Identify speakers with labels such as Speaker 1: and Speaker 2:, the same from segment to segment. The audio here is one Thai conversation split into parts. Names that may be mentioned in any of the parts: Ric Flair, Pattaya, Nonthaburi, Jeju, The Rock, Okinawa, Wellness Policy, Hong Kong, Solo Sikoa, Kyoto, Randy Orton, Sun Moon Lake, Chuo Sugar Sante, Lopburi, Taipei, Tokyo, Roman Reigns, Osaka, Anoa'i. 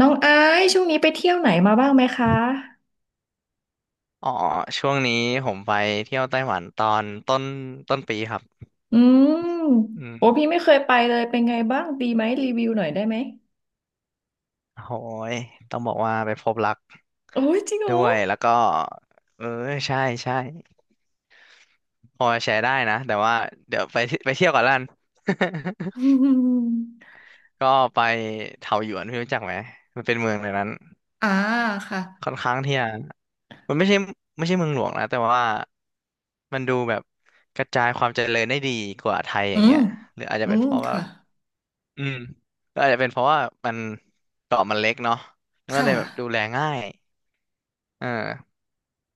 Speaker 1: น้องไอซ์ช่วงนี้ไปเที่ยวไหนมาบ้างไหมคะ
Speaker 2: อ๋อช่วงนี้ผมไปเที่ยวไต้หวันตอนต้นปีครับ
Speaker 1: อืม
Speaker 2: อืม
Speaker 1: โอ้พี่ไม่เคยไปเลยเป็นไงบ้างดีไหมรีวิวหน่อยได้ไหม
Speaker 2: โหยต้องบอกว่าไปพบรัก
Speaker 1: โอ้ยจริงเหร
Speaker 2: ด้
Speaker 1: อ
Speaker 2: วยแล้วก็เออใช่ใช่พอแชร์ได้นะแต่ว่าเดี๋ยวไปเที่ยวก่อนละกัน
Speaker 1: อืม
Speaker 2: ก็ไปเถาหยวนพี่รู้จักไหมมันเป็นเมืองในนั้น
Speaker 1: อ่าค่ะ
Speaker 2: ค่อนข้างที่จะมันไม่ใช่เมืองหลวงนะแต่ว่ามันดูแบบกระจายความเจริญได้ดีกว่าไทยอ
Speaker 1: อื
Speaker 2: ย่าง
Speaker 1: ม
Speaker 2: เงี้ยหรืออาจจะ
Speaker 1: อื
Speaker 2: เป็น
Speaker 1: ม
Speaker 2: เพราะว่า
Speaker 1: ค่ะ
Speaker 2: อืมก็อาจจะเป็นเพราะว่ามันเกาะมันเล็กเนาะมันก็เล
Speaker 1: ค่ะ
Speaker 2: ยแบบดูแลง่ายเออ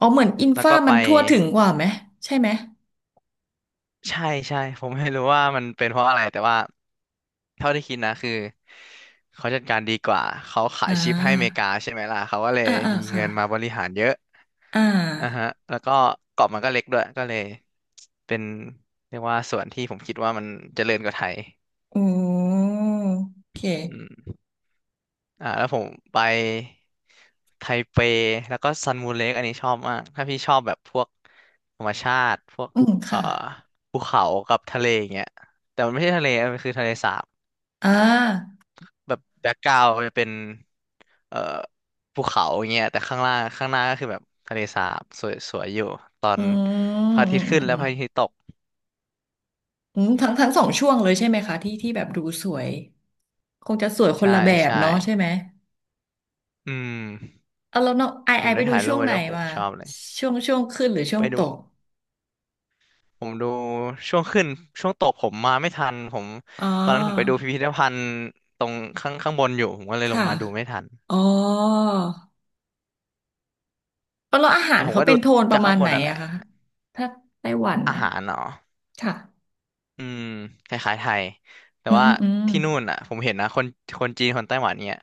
Speaker 1: อ๋อเหมือนอิน
Speaker 2: แล้ว
Speaker 1: ฟ้า
Speaker 2: ก็ไป
Speaker 1: มันทั่วถึงกว่าไหมใช่ไหม
Speaker 2: ใช่ใช่ผมไม่รู้ว่ามันเป็นเพราะอะไรแต่ว่าเท่าที่คิดนะคือเขาจัดการดีกว่าเขาขา
Speaker 1: อ่
Speaker 2: ยชิปให้อเมริ
Speaker 1: า
Speaker 2: กาใช่ไหมล่ะเขาก็เลย
Speaker 1: อ่าอ่า
Speaker 2: มี
Speaker 1: ค่ะ
Speaker 2: เงินมาบริหารเยอะ
Speaker 1: อ่
Speaker 2: อ่ะฮะ
Speaker 1: า
Speaker 2: แล้วก็เกาะมันก็เล็กด้วยก็เลยเป็นเรียกว่าส่วนที่ผมคิดว่ามันเจริญกว่าไทย
Speaker 1: อืมโอเค
Speaker 2: อืม แล้วผมไปไทเปแล้วก็ซันมูเล็กอันนี้ชอบมากถ้าพี่ชอบแบบพวกธรรมชาติพวก
Speaker 1: อืม
Speaker 2: เอ่อ
Speaker 1: ค่ะ
Speaker 2: ภูเขากับทะเลอย่างเงี้ยแต่มันไม่ใช่ทะเลมันคือทะเลสาบ
Speaker 1: อ่า
Speaker 2: แบบแบ็กกราวจะเป็นเอ่อภูเขาอย่างเงี้ยแต่ข้างล่างข้างหน้าก็คือแบบทะเลสาบสวยสวยอยู่ตอ
Speaker 1: อื
Speaker 2: น
Speaker 1: ม
Speaker 2: พระอา
Speaker 1: อื
Speaker 2: ทิต
Speaker 1: ม
Speaker 2: ย์
Speaker 1: อื
Speaker 2: ขึ้
Speaker 1: ม
Speaker 2: น
Speaker 1: อื
Speaker 2: และ
Speaker 1: ม
Speaker 2: พระอาทิตย์ตก
Speaker 1: อืมทั้งสองช่วงเลยใช่ไหมคะที่แบบดูสวย คงจะสวยคน
Speaker 2: ใช่
Speaker 1: ละแบบ
Speaker 2: ใช่
Speaker 1: เนาะใช่ไหม
Speaker 2: อืม
Speaker 1: เอาแล้วน้องไอ
Speaker 2: ผม
Speaker 1: ไป
Speaker 2: ได้
Speaker 1: ดู
Speaker 2: ถ่ายรู
Speaker 1: ช่ว
Speaker 2: ป
Speaker 1: ง
Speaker 2: ไว้
Speaker 1: ไหน
Speaker 2: ด้วยโห
Speaker 1: มา
Speaker 2: ชอบเลย
Speaker 1: ช่วงขึ้นหรือช่ว
Speaker 2: ไป
Speaker 1: งต
Speaker 2: ดู
Speaker 1: ก
Speaker 2: ผมดูช่วงขึ้นช่วงตกผมมาไม่ทันผม
Speaker 1: อ๋
Speaker 2: ตอนนั้นผมไป
Speaker 1: อ
Speaker 2: ดูพิพิธภัณฑ์ตรงข้างบนอยู่ผมก็เลยลง
Speaker 1: ค่ะ
Speaker 2: มาดูไม่ทัน
Speaker 1: อ๋อแล้วอาหา
Speaker 2: แต่
Speaker 1: ร
Speaker 2: ผม
Speaker 1: เขา
Speaker 2: ก็
Speaker 1: เป็
Speaker 2: ดู
Speaker 1: นโทนป
Speaker 2: จา
Speaker 1: ระ
Speaker 2: ก
Speaker 1: มา
Speaker 2: ข้าง
Speaker 1: ณ
Speaker 2: บ
Speaker 1: ไหน
Speaker 2: นนั่นแหละ
Speaker 1: อะคะถ้าไต้หวัน
Speaker 2: อา
Speaker 1: เนี่ย
Speaker 2: หารเนาะ
Speaker 1: ค่ะ
Speaker 2: อืมคล้ายๆไทยแต่
Speaker 1: อืม
Speaker 2: ว่า
Speaker 1: อืม
Speaker 2: ที่นู่นอ่ะผมเห็นนะคนจีนคนไต้หวันเนี่ย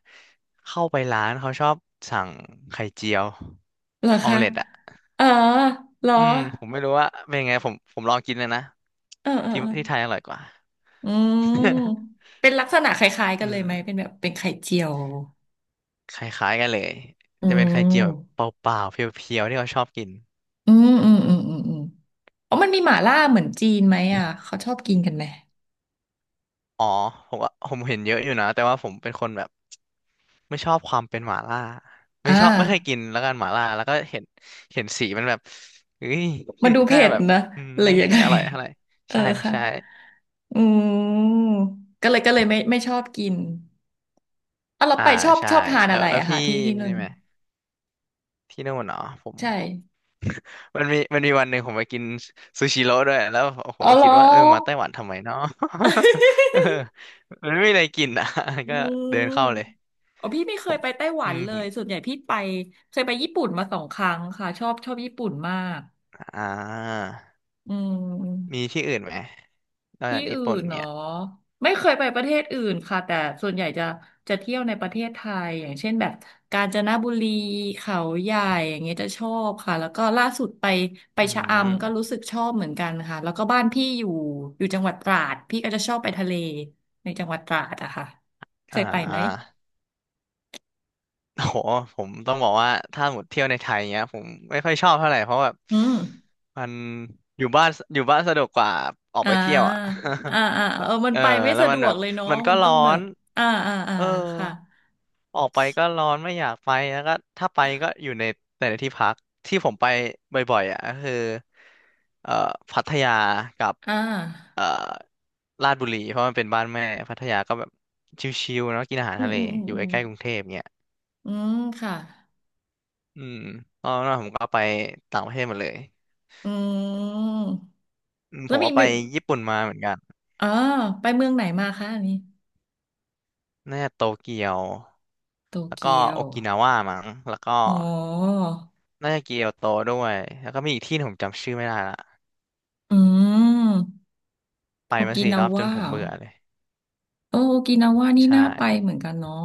Speaker 2: เข้าไปร้านเขาชอบสั่งไข่เจียว
Speaker 1: เหรอ
Speaker 2: ออม
Speaker 1: คะ
Speaker 2: เล็ตอ่ะ
Speaker 1: เออเหรอ
Speaker 2: อืมผมไม่รู้ว่าเป็นไงผมลองกินเลยนะ
Speaker 1: เออเออ
Speaker 2: ที่
Speaker 1: เออ
Speaker 2: ที่ไทยอร่อยกว่า
Speaker 1: อืม เป็นลักษณะคล้ายๆกัน
Speaker 2: อื
Speaker 1: เลย
Speaker 2: ม
Speaker 1: ไหมเป็นแบบเป็นไข่เจียว
Speaker 2: คล้ายๆกันเลย
Speaker 1: อื
Speaker 2: จะเป็นไข่เจียวแบบ
Speaker 1: ม
Speaker 2: เปล่าๆเพียวๆที่เขาชอบกิน
Speaker 1: อืมอืมอืมอืมอืมอ๋อมันมีหม่าล่าเหมือนจีนไหมอ่ะเขาชอบกินกันไหม
Speaker 2: อ๋อผมว่าผมเห็นเยอะอยู่นะแต่ว่าผมเป็นคนแบบไม่ชอบความเป็นหม่าล่า
Speaker 1: อ่
Speaker 2: ไม่ชอบไม่เคยกิ
Speaker 1: า
Speaker 2: นแล้วกันหม่าล่าแล้วก็เห็นสีมันแบบเฮ้ย
Speaker 1: มั นดู
Speaker 2: หน้า
Speaker 1: เผ็ด
Speaker 2: แบบ
Speaker 1: นะ
Speaker 2: อืม
Speaker 1: หรือ
Speaker 2: ไม่
Speaker 1: ยัง
Speaker 2: ค่อ
Speaker 1: ไง
Speaker 2: ยอร่อยเท่าไหร่
Speaker 1: เออ
Speaker 2: ใช่
Speaker 1: ค่ะ
Speaker 2: ใช่
Speaker 1: อืมก็เลยไม่ชอบกินอ่ะเรา
Speaker 2: อ่า
Speaker 1: ไปชอบ
Speaker 2: ใช่
Speaker 1: ทาน
Speaker 2: แล้
Speaker 1: อะ
Speaker 2: ว
Speaker 1: ไร
Speaker 2: แล้ว
Speaker 1: อะค่ะ
Speaker 2: พี่
Speaker 1: ที่นู่
Speaker 2: นี่
Speaker 1: น
Speaker 2: ไหมที่นู่นเนาะผม
Speaker 1: ใช่
Speaker 2: มันมีวันหนึ่งผมไปกินซูชิโร่ด้วยแล้วโอ้โห
Speaker 1: อ๋อเหร
Speaker 2: คิ
Speaker 1: อ
Speaker 2: ดว่ามาไต้หวันทำไมเนาะ เออมันไม่มีอะไรกินอ่ะ
Speaker 1: อื
Speaker 2: ก็เดิ
Speaker 1: ม
Speaker 2: นเข้าเลย
Speaker 1: อ๋อพี่ไม่เค
Speaker 2: ผ
Speaker 1: ย
Speaker 2: ม
Speaker 1: ไปไต้หวันเล
Speaker 2: ผ
Speaker 1: ย
Speaker 2: ม
Speaker 1: ส่วนใหญ่พี่ไปเคยไปญี่ปุ่นมา2 ครั้งค่ะชอบญี่ปุ่นมาก
Speaker 2: อ่า
Speaker 1: อื
Speaker 2: มี
Speaker 1: ม
Speaker 2: ที่อื่นไหมนอก
Speaker 1: ที่
Speaker 2: จากญี่
Speaker 1: อื่
Speaker 2: ปุ่น
Speaker 1: นเนาะ
Speaker 2: เนี่ย
Speaker 1: ไม่เคยไปประเทศอื่นค่ะแต่ส่วนใหญ่จะเที่ยวในประเทศไทยอย่างเช่นแบบกาญจนบุรีเขาใหญ่อย่างเงี้ยจะชอบค่ะแล้วก็ล่าสุดไป
Speaker 2: อื
Speaker 1: ชะ
Speaker 2: ม
Speaker 1: อำก็รู้สึกชอบเหมือนกันค่ะแล้วก็บ้านพี่อยู่จังหวัดตราดพี่ก็จะชอบไปทะเลในจังหวัดตราดอะค่ะเค
Speaker 2: อ่
Speaker 1: ยไปไหม
Speaker 2: าโอ้โหผมต้องบอกว่าถ้าหมดเที่ยวในไทยเนี้ยผมไม่ค่อยชอบเท่าไหร่เพราะแบบ
Speaker 1: อืม
Speaker 2: มันอยู่บ้านสะดวกกว่าออก
Speaker 1: อ่
Speaker 2: ไปเที่ยวอ่ะ
Speaker 1: าอ่าอ่าเออ มัน
Speaker 2: เออ
Speaker 1: ไปไม่
Speaker 2: แล้ว
Speaker 1: สะด
Speaker 2: มัน
Speaker 1: ว
Speaker 2: แบ
Speaker 1: ก
Speaker 2: บ
Speaker 1: เลยเนาะ
Speaker 2: มันก็
Speaker 1: มัน
Speaker 2: ร้
Speaker 1: ต้อ
Speaker 2: อ
Speaker 1: งแบบ
Speaker 2: น
Speaker 1: อ่าอ่าอ่า
Speaker 2: เออ
Speaker 1: ค่ะ
Speaker 2: ออกไปก็ร้อนไม่อยากไปแล้วก็ถ้าไปก็อยู่ในแต่ในที่พักที่ผมไปบ่อยๆอ่ะก็คือเอ่อพัทยากับ
Speaker 1: อ่า
Speaker 2: ลาดบุรีเพราะมันเป็นบ้านแม่พัทยาก็แบบชิลๆเนาะกินอาหาร
Speaker 1: อืม
Speaker 2: ทะเล
Speaker 1: อืมอืม
Speaker 2: อยู่
Speaker 1: อื
Speaker 2: ใก
Speaker 1: ม
Speaker 2: ล้ๆกรุงเทพเงี้ย
Speaker 1: อืมค่ะ
Speaker 2: อืมตอนนั้นผมก็ไปต่างประเทศหมดเลย
Speaker 1: อืม
Speaker 2: อืมผ
Speaker 1: แล้ว
Speaker 2: ม
Speaker 1: มี
Speaker 2: ก็ไปญี่ปุ่นมาเหมือนกัน
Speaker 1: อ๋อไปเมืองไหนมาคะอันนี้
Speaker 2: น่าจะโตเกียว
Speaker 1: โต
Speaker 2: แล้วก็
Speaker 1: เกีย
Speaker 2: โอ
Speaker 1: ว
Speaker 2: กินาว่ามั้งแล้วก็
Speaker 1: อ๋อ
Speaker 2: น่าจะเกียวโตด้วยแล้วก็มีอีกที่หนึ่งผมจำชื่อไม่ได้ละ
Speaker 1: อืม
Speaker 2: ไป
Speaker 1: โอ
Speaker 2: มา
Speaker 1: กิ
Speaker 2: สี่
Speaker 1: นา
Speaker 2: รอบจน
Speaker 1: ว่า
Speaker 2: ผ
Speaker 1: เหร
Speaker 2: ม
Speaker 1: อ
Speaker 2: เบื่อเลย
Speaker 1: เออโอกินาว่านี่
Speaker 2: ใช่
Speaker 1: น่าไปเหมือนกันเนาะ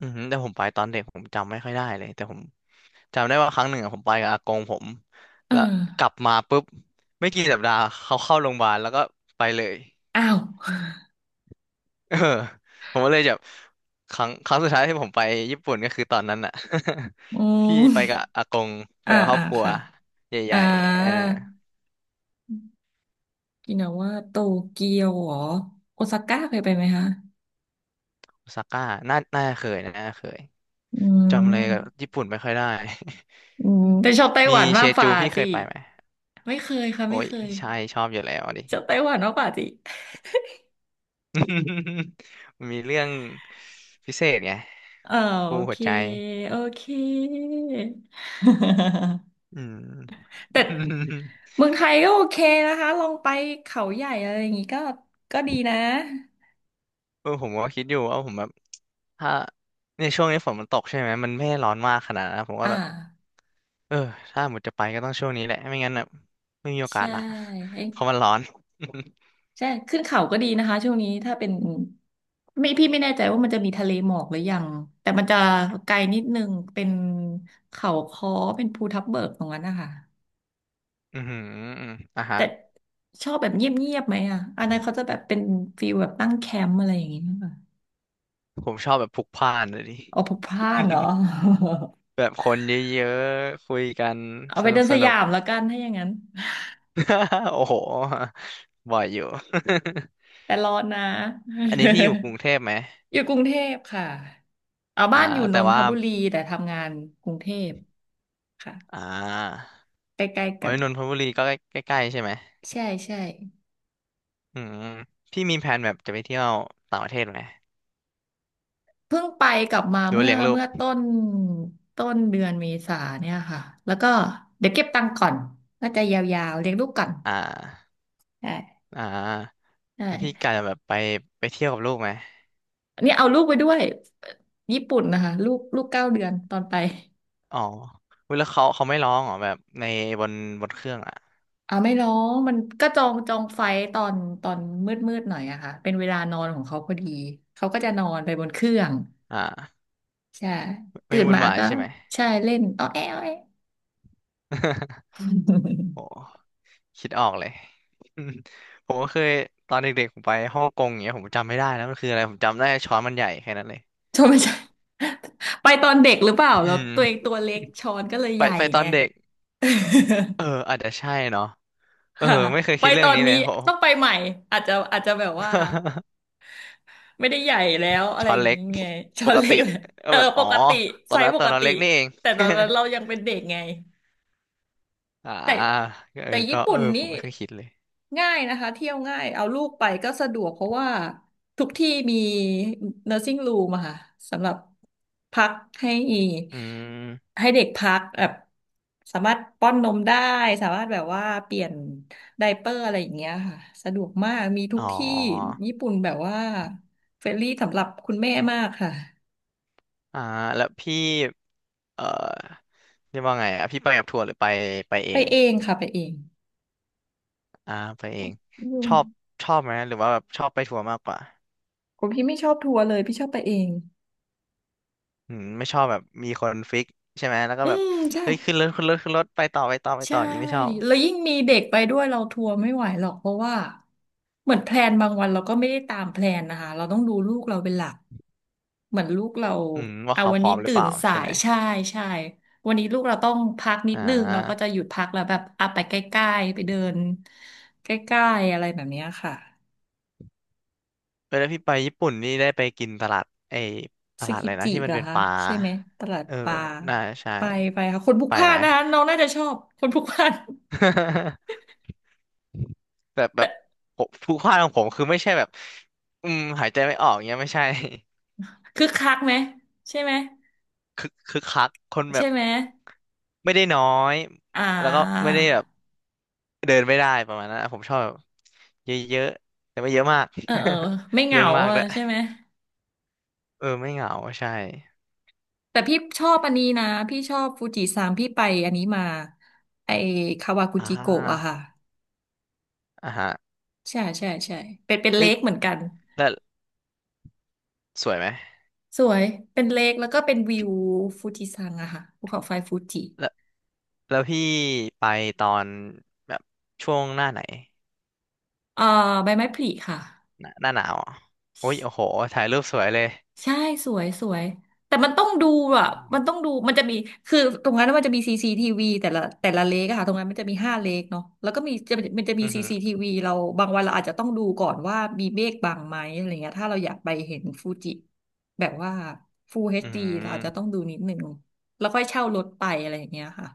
Speaker 2: อือหือแต่ผมไปตอนเด็กผมจำไม่ค่อยได้เลยแต่ผมจำได้ว่าครั้งหนึ่งอะผมไปกับอากงผม
Speaker 1: เอ
Speaker 2: แล้ว
Speaker 1: อ
Speaker 2: กลับมาปุ๊บไม่กี่สัปดาห์เขาเข้าโรงพยาบาลแล้วก็ไปเลย
Speaker 1: อ้าว
Speaker 2: เออผมก็เลยแบบครั้งสุดท้ายที่ผมไปญี่ปุ่นก็คือตอนนั้นอะ
Speaker 1: อื
Speaker 2: ที่ไปกั
Speaker 1: ม
Speaker 2: บอากงไป
Speaker 1: อ่า
Speaker 2: กับครอ
Speaker 1: อ่า
Speaker 2: บครัว
Speaker 1: ค่ะ
Speaker 2: ให
Speaker 1: อ่า
Speaker 2: ญ่ๆ
Speaker 1: โอกินาว่าโตเกียวเหรอโอซาก้าเคยไปไหมคะ
Speaker 2: โอซาก้าน่าเคยนะน่าเคย
Speaker 1: อื
Speaker 2: จำเลยกับ
Speaker 1: ม
Speaker 2: ญี่ปุ่นไม่ค่อยได้
Speaker 1: อืมแต่ชอบไต้ ห
Speaker 2: มี
Speaker 1: วัน
Speaker 2: เช
Speaker 1: มากฝ่า
Speaker 2: จูพี่เค
Speaker 1: สิ
Speaker 2: ยไปไหม
Speaker 1: ไม่เคยค่ะ
Speaker 2: โอ้
Speaker 1: ไม่
Speaker 2: ย
Speaker 1: เคย
Speaker 2: ใช่ชอบอยู่แล้วดิ
Speaker 1: ชอบไต้หวันมากฝ่าสิ
Speaker 2: มีเรื่องพิเศษไง
Speaker 1: เออโอ
Speaker 2: ปูหั
Speaker 1: เค
Speaker 2: วใจ
Speaker 1: โอเค
Speaker 2: อืม
Speaker 1: แต่ เมืองไทยก็โอเคนะคะลองไปเขาใหญ่อะไรอย่างงี้ก็ดีนะ
Speaker 2: ผมก็คิดอยู่ว่าผมแบบถ้าในช่วงนี้ฝนมันตกใช่ไหมมันไม่ได้ร้อนมากขนาดนั้นนะผมก็
Speaker 1: อ่า
Speaker 2: แบบเออถ้าหมดจะไปก็ต้องช่วงนี้แหละไม่งั้นแบบไม่มีโอกาส
Speaker 1: ใช่
Speaker 2: ละ
Speaker 1: เอ้ย
Speaker 2: เพราะมันร้อน
Speaker 1: ใช่ขึ้นเขาก็ดีนะคะช่วงนี้ถ้าเป็นไม่พี่ไม่แน่ใจว่ามันจะมีทะเลหมอกหรือยังแต่มันจะไกลนิดนึงเป็นเขาค้อเป็นภูทับเบิกตรงนั้นนะคะ
Speaker 2: อือหืออืมอ่ะฮะ
Speaker 1: แต่ชอบแบบเงียบๆไหมอ่ะอันนั้นเขาจะแบบเป็นฟีลแบบตั้งแคมป์อะไรอย่างงี้
Speaker 2: ผมชอบแบบพลุกพล่านเลยดิ
Speaker 1: เอาพกพลาน เนาะ
Speaker 2: แบบคนเยอะๆคุยกัน
Speaker 1: เอา
Speaker 2: ส
Speaker 1: ไป
Speaker 2: นุ
Speaker 1: เดิ
Speaker 2: ก
Speaker 1: น
Speaker 2: ส
Speaker 1: ส
Speaker 2: นุ
Speaker 1: ยา
Speaker 2: ก
Speaker 1: มแล้วกันถ้าอย่างนั้น
Speaker 2: โอ้โหบ่อยอยู่
Speaker 1: แต่ร้อนนะ
Speaker 2: อันนี้พี่อยู่กรุงเทพไหม
Speaker 1: อยู่กรุงเทพค่ะเอา
Speaker 2: อ่า
Speaker 1: บ้านอยู่น
Speaker 2: แต่
Speaker 1: นท
Speaker 2: ว่า
Speaker 1: บุรีแต่ทำงานกรุงเทพค่ะ
Speaker 2: อ่า
Speaker 1: ใกล้ๆ
Speaker 2: โอ้
Speaker 1: กัน
Speaker 2: ยนนทบุรีก็ใกล้ๆใช่ไหม
Speaker 1: ใช่ใช่
Speaker 2: อืมพี่มีแผนแบบจะไปเที่ยวต่างประเทศไหม
Speaker 1: เพิ่งไปกลับมา
Speaker 2: หรือว่า
Speaker 1: เมื่อ
Speaker 2: เลี้ยงลูก
Speaker 1: ต้นเดือนเมษาเนี่ยค่ะแล้วก็เดี๋ยวเก็บตังค์ก่อนน่าจะยาวๆเลี้ยงลูกก่อน
Speaker 2: อ่า
Speaker 1: ใช่
Speaker 2: อ่า
Speaker 1: ใช่
Speaker 2: แล้วพี่กะจะแบบไปเที่ยวกับลูกไหม
Speaker 1: อันนี้เอาลูกไปด้วยญี่ปุ่นนะคะลูก9 เดือนตอนไป
Speaker 2: อ๋ออุ๊ยแล้วเขาไม่ร้องเหรอแบบในบนบนเครื่องอ่ะ
Speaker 1: อ่าไม่ร้องมันก็จองไฟตอนตอนมืดหน่อยอะค่ะเป็นเวลานอนของเขาพอดีเขาก็จะนอนไปบนเครื่อง
Speaker 2: อ่า
Speaker 1: ใช่
Speaker 2: ไม่
Speaker 1: ตื่น
Speaker 2: วุ่น
Speaker 1: มา
Speaker 2: วาย
Speaker 1: ก็
Speaker 2: ใช่ไหม
Speaker 1: ใช่เล่นอ้อแอ้อแอ้
Speaker 2: โอ้คิดออกเลย อืมผมก็เคยตอนเด็กๆผมไปฮ่องกงอย่างเงี้ยผมจำไม่ได้แล้วมันคืออะไรผมจำได้ช้อนมันใหญ่แค่นั้นเลย
Speaker 1: ชอไม่ ใช่ ไปตอนเด็กหรือเปล่า
Speaker 2: อื
Speaker 1: แล้ว
Speaker 2: ม
Speaker 1: ตัวเองตัวเล็กช้อนก็เลยใหญ่
Speaker 2: ไปต
Speaker 1: ไง
Speaker 2: อนเด็ก เอออาจจะใช่เนาะ เออ
Speaker 1: ค่ะ
Speaker 2: ไม่เคย
Speaker 1: ไป
Speaker 2: คิดเรื่
Speaker 1: ต
Speaker 2: อ
Speaker 1: อ
Speaker 2: ง
Speaker 1: น
Speaker 2: นี้เล
Speaker 1: นี้
Speaker 2: ยโห
Speaker 1: ต้องไปใหม่อาจจะแบบว่า ไม่ได้ใหญ่แล้วอะไร
Speaker 2: ช้อ
Speaker 1: อ
Speaker 2: น
Speaker 1: ย่าง
Speaker 2: เล็ก
Speaker 1: นี้ไงช้
Speaker 2: ป
Speaker 1: อน
Speaker 2: ก
Speaker 1: เล็
Speaker 2: ติ
Speaker 1: กเลย
Speaker 2: ก็
Speaker 1: เออ
Speaker 2: แบบ
Speaker 1: ป
Speaker 2: อ๋อ
Speaker 1: กติไซส์ป
Speaker 2: ตอ
Speaker 1: ก
Speaker 2: นนั้น
Speaker 1: ติ
Speaker 2: เล็กนี่เอง
Speaker 1: แต่ตอนนั้นเรายังเป็นเด็กไง
Speaker 2: อ่า
Speaker 1: แต่
Speaker 2: เออก็
Speaker 1: ญี่
Speaker 2: เอ
Speaker 1: ปุ่
Speaker 2: อ
Speaker 1: น
Speaker 2: ผ
Speaker 1: นี่
Speaker 2: มไม่เคยคิดเลย
Speaker 1: ง่ายนะคะเที่ยวง่ายเอาลูกไปก็สะดวกเพราะว่าทุกที่มี n u r ์ i n g room อะค่ะสำหรับพักให้
Speaker 2: อืม
Speaker 1: เด็กพักแบบสามารถป้อนนมได้สามารถแบบว่าเปลี่ยนไดเปอร์อะไรอย่างเงี้ยค่ะสะดวกมากมีทุ
Speaker 2: อ๋
Speaker 1: ก
Speaker 2: อ
Speaker 1: ที่ญี่ปุ่นแบบว่าเฟรนลี่สำหรับคุณแม่มากค่ะ
Speaker 2: อ่าแล้วพี่เอ่อเรียกว่าไงอ่ะพี่ไปกับทัวร์หรือไปเอ
Speaker 1: ไป
Speaker 2: ง
Speaker 1: เองค่ะไปเอง
Speaker 2: อ่าไปเอง
Speaker 1: อื
Speaker 2: ช
Speaker 1: ม
Speaker 2: อบชอบไหมหรือว่าแบบชอบไปทัวร์มากกว่า
Speaker 1: ผมพี่ไม่ชอบทัวร์เลยพี่ชอบไปเอง
Speaker 2: อืมไม่ชอบแบบมีคนฟิกใช่ไหมแล้วก็
Speaker 1: อื
Speaker 2: แบบ
Speaker 1: มใช่
Speaker 2: เฮ้ยขึ้นรถไป
Speaker 1: ใช่
Speaker 2: ต่ออย่างนี้ไม่ชอบ
Speaker 1: แล้วยิ่งมีเด็กไปด้วยเราทัวร์ไม่ไหวหรอกเพราะว่าเหมือนแพลนบางวันเราก็ไม่ได้ตามแพลนนะคะเราต้องดูลูกเราเป็นหลักเหมือนลูกเรา
Speaker 2: อืมว่า
Speaker 1: เอา
Speaker 2: เขา
Speaker 1: วั
Speaker 2: พ
Speaker 1: น
Speaker 2: ร้อ
Speaker 1: นี้
Speaker 2: มหรือ
Speaker 1: ตื่
Speaker 2: เป
Speaker 1: น
Speaker 2: ล่า
Speaker 1: สา
Speaker 2: ใช่ไห
Speaker 1: ย
Speaker 2: ม
Speaker 1: ใช่ใช่วันนี้ลูกเราต้องพักนิด
Speaker 2: อ่
Speaker 1: นึงเราก็จะ
Speaker 2: า
Speaker 1: หยุดพักแล้วแบบอ่ะไปใกล้ๆไปเดินใกล้ๆอะไรแบบเนี้ยค่ะ
Speaker 2: เออแล้วพี่ไปญี่ปุ่นนี่ได้ไปกินตลาดไอ้ต
Speaker 1: ซึ
Speaker 2: ลาดอะ
Speaker 1: กิ
Speaker 2: ไรนะ
Speaker 1: จิ
Speaker 2: ที่มั
Speaker 1: เหร
Speaker 2: น
Speaker 1: อ
Speaker 2: เป็น
Speaker 1: คะ
Speaker 2: ปลา
Speaker 1: ใช่ไหมตลาด
Speaker 2: เออ
Speaker 1: ปลา
Speaker 2: น่าใช่
Speaker 1: ไปค่ะคนพลุก
Speaker 2: ไป
Speaker 1: พล่า
Speaker 2: ไหม
Speaker 1: นนะคะน้องน่าจะชอบคนพลุกพล่าน
Speaker 2: แบ
Speaker 1: แต่
Speaker 2: บผู้พลาดของผมคือไม่ใช่แบบอืมหายใจไม่ออกเงี้ยไม่ใช่
Speaker 1: คึกคักไหมใช่ไหม
Speaker 2: คึกคักคนแบ
Speaker 1: ใช่
Speaker 2: บ
Speaker 1: ไหม
Speaker 2: ไม่ได้น้อย
Speaker 1: อ่
Speaker 2: แล้วก็
Speaker 1: า
Speaker 2: ไม่ได้แบบเดินไม่ได้ประมาณนั้นอะผมชอบแบบเยอะๆแต่ไม่เยอะมาก
Speaker 1: เออเออไม่ เห
Speaker 2: เรื่
Speaker 1: งา
Speaker 2: องมาก
Speaker 1: อะ
Speaker 2: ด้วย
Speaker 1: ใช่ไหม
Speaker 2: เออไม่เหงาใช่
Speaker 1: แต่พี่ชอบอันนี้นะพี่ชอบฟูจิซังพี่ไปอันนี้มาไอคาวากุ
Speaker 2: อ่
Speaker 1: จิโกะอะ
Speaker 2: า
Speaker 1: ค่ะ
Speaker 2: อ่าฮะ
Speaker 1: ใช่ใช่ใช่เป็นเป็นเล
Speaker 2: เฮ้ย
Speaker 1: คเหมือนกัน
Speaker 2: แล้วสวยไหม
Speaker 1: สวยเป็นเลคแล้วก็เป็นวิวฟูจิซังอะค่ะภูเขาไฟฟูจิ
Speaker 2: แล้วพี่ไปตอนแบบช่วงหน้าไหน
Speaker 1: เอ่อใบไม้ผลิค่ะ
Speaker 2: หน้าหนาวเหรอโอ้ยโอ้โหถ่ายรูปสวยเลย
Speaker 1: ใช่สวยสวยแต่มันต้องดูอ่ะมันต้องดูมันจะมีคือตรงนั้นมันจะมีซีซีทีวีแต่ละเลกอะค่ะตรงนั้นมันจะมี5 เลกเนาะแล้วก็มีจะมันจะมี
Speaker 2: อือ
Speaker 1: ซี
Speaker 2: หือ
Speaker 1: ซีทีวีเราบางวันเราอาจจะต้องดูก่อนว่ามีเมฆบังไหมอะไรเงี้ยถ้าเราอยากไปเห็นฟูจิแบบว่า Full
Speaker 2: อือ
Speaker 1: HD
Speaker 2: หื
Speaker 1: เราอาจจะต้อง
Speaker 2: อ
Speaker 1: ดูนิดหนึ่งแล้วค่อยเช่ารถไปอะไรอย่างเงี้ยค่ะ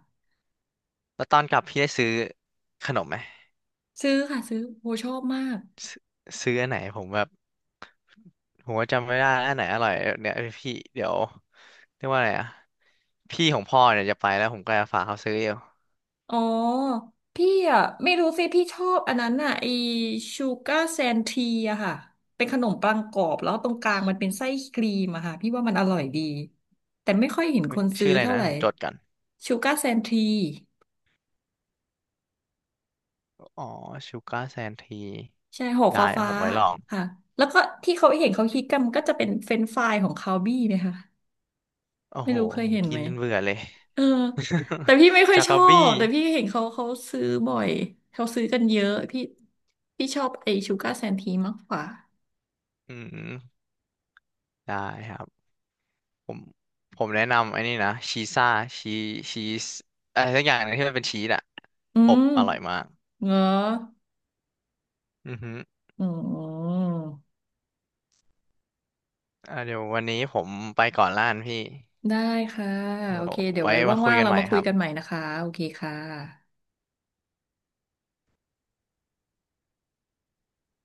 Speaker 2: แล้วตอนกลับพี่ได้ซื้อขนมไหม
Speaker 1: ซื้อค่ะซื้อโหชอบมาก
Speaker 2: ซื้อซื้ออันไหนผมแบบผมว่าจำไม่ได้อันไหนอร่อยเนี่ยพี่เดี๋ยวเรียกว่าอะไรอะพี่ของพ่อเนี่ยจะไปแล้วผมก็จะฝากเขาซื้ออยู่
Speaker 1: อ๋อพี่อ่ะไม่รู้สิพี่ชอบอันนั้นอ่ะไอชูการ์แซนทีอะค่ะเป็นขนมปังกรอบแล้วตรงกลางมันเป็นไส้ครีมอะค่ะพี่ว่ามันอร่อยดีแต่ไม่ค่อยเห็นค
Speaker 2: เอ้ย
Speaker 1: นซื้
Speaker 2: ชื่
Speaker 1: อ
Speaker 2: ออะไร
Speaker 1: เท่า
Speaker 2: นะ
Speaker 1: ไหร่
Speaker 2: ผมจดกัน
Speaker 1: ชูการ์แซนที
Speaker 2: อ๋อชูการ์แซนที
Speaker 1: ใช่ห่อ
Speaker 2: ได้
Speaker 1: ฟ้าฟ้า
Speaker 2: ผมไว้ลอง
Speaker 1: ค่ะแล้วก็ที่เขาเห็นเขาฮิตกันมันก็จะเป็นเฟรนช์ฟรายของคาวบี้เนะคะ
Speaker 2: โอ้
Speaker 1: ไม่
Speaker 2: โห
Speaker 1: รู้เคย
Speaker 2: ผม
Speaker 1: เห็น
Speaker 2: กิ
Speaker 1: ไหม
Speaker 2: นจนเบื่อเลย
Speaker 1: เออแต่พี่ไม่ค่ อย
Speaker 2: จา
Speaker 1: ชอ
Speaker 2: กาบี้
Speaker 1: บแต่พี่เห็นเขาซื้อบ่อยเขาซื้อกันเยอะพี่ชอบไอชูการ์แซนทีมากกว่า
Speaker 2: อืมได้ครับผมผมแนะนำไอ้นี่นะชีซ่าชีชีสอะไรสักอย่างหนึงที่มันเป็นชีสอะ
Speaker 1: อื
Speaker 2: อบ
Speaker 1: ม
Speaker 2: อร่อยมาก
Speaker 1: เหรอ
Speaker 2: อือฮึ
Speaker 1: อืม
Speaker 2: อ่าเดี๋ยววันนี้ผมไปก่อนล้านพี่
Speaker 1: ได้ค่ะ
Speaker 2: เดี๋ย
Speaker 1: โอ
Speaker 2: ว
Speaker 1: เค เดี๋ยว
Speaker 2: ไว้
Speaker 1: ไว้
Speaker 2: มาคุย
Speaker 1: ว่างๆ
Speaker 2: กัน
Speaker 1: เรา
Speaker 2: ใหม่
Speaker 1: มา
Speaker 2: ค
Speaker 1: คุย
Speaker 2: รั
Speaker 1: กันให
Speaker 2: บ
Speaker 1: ม่นะคะ โอเคค่ะ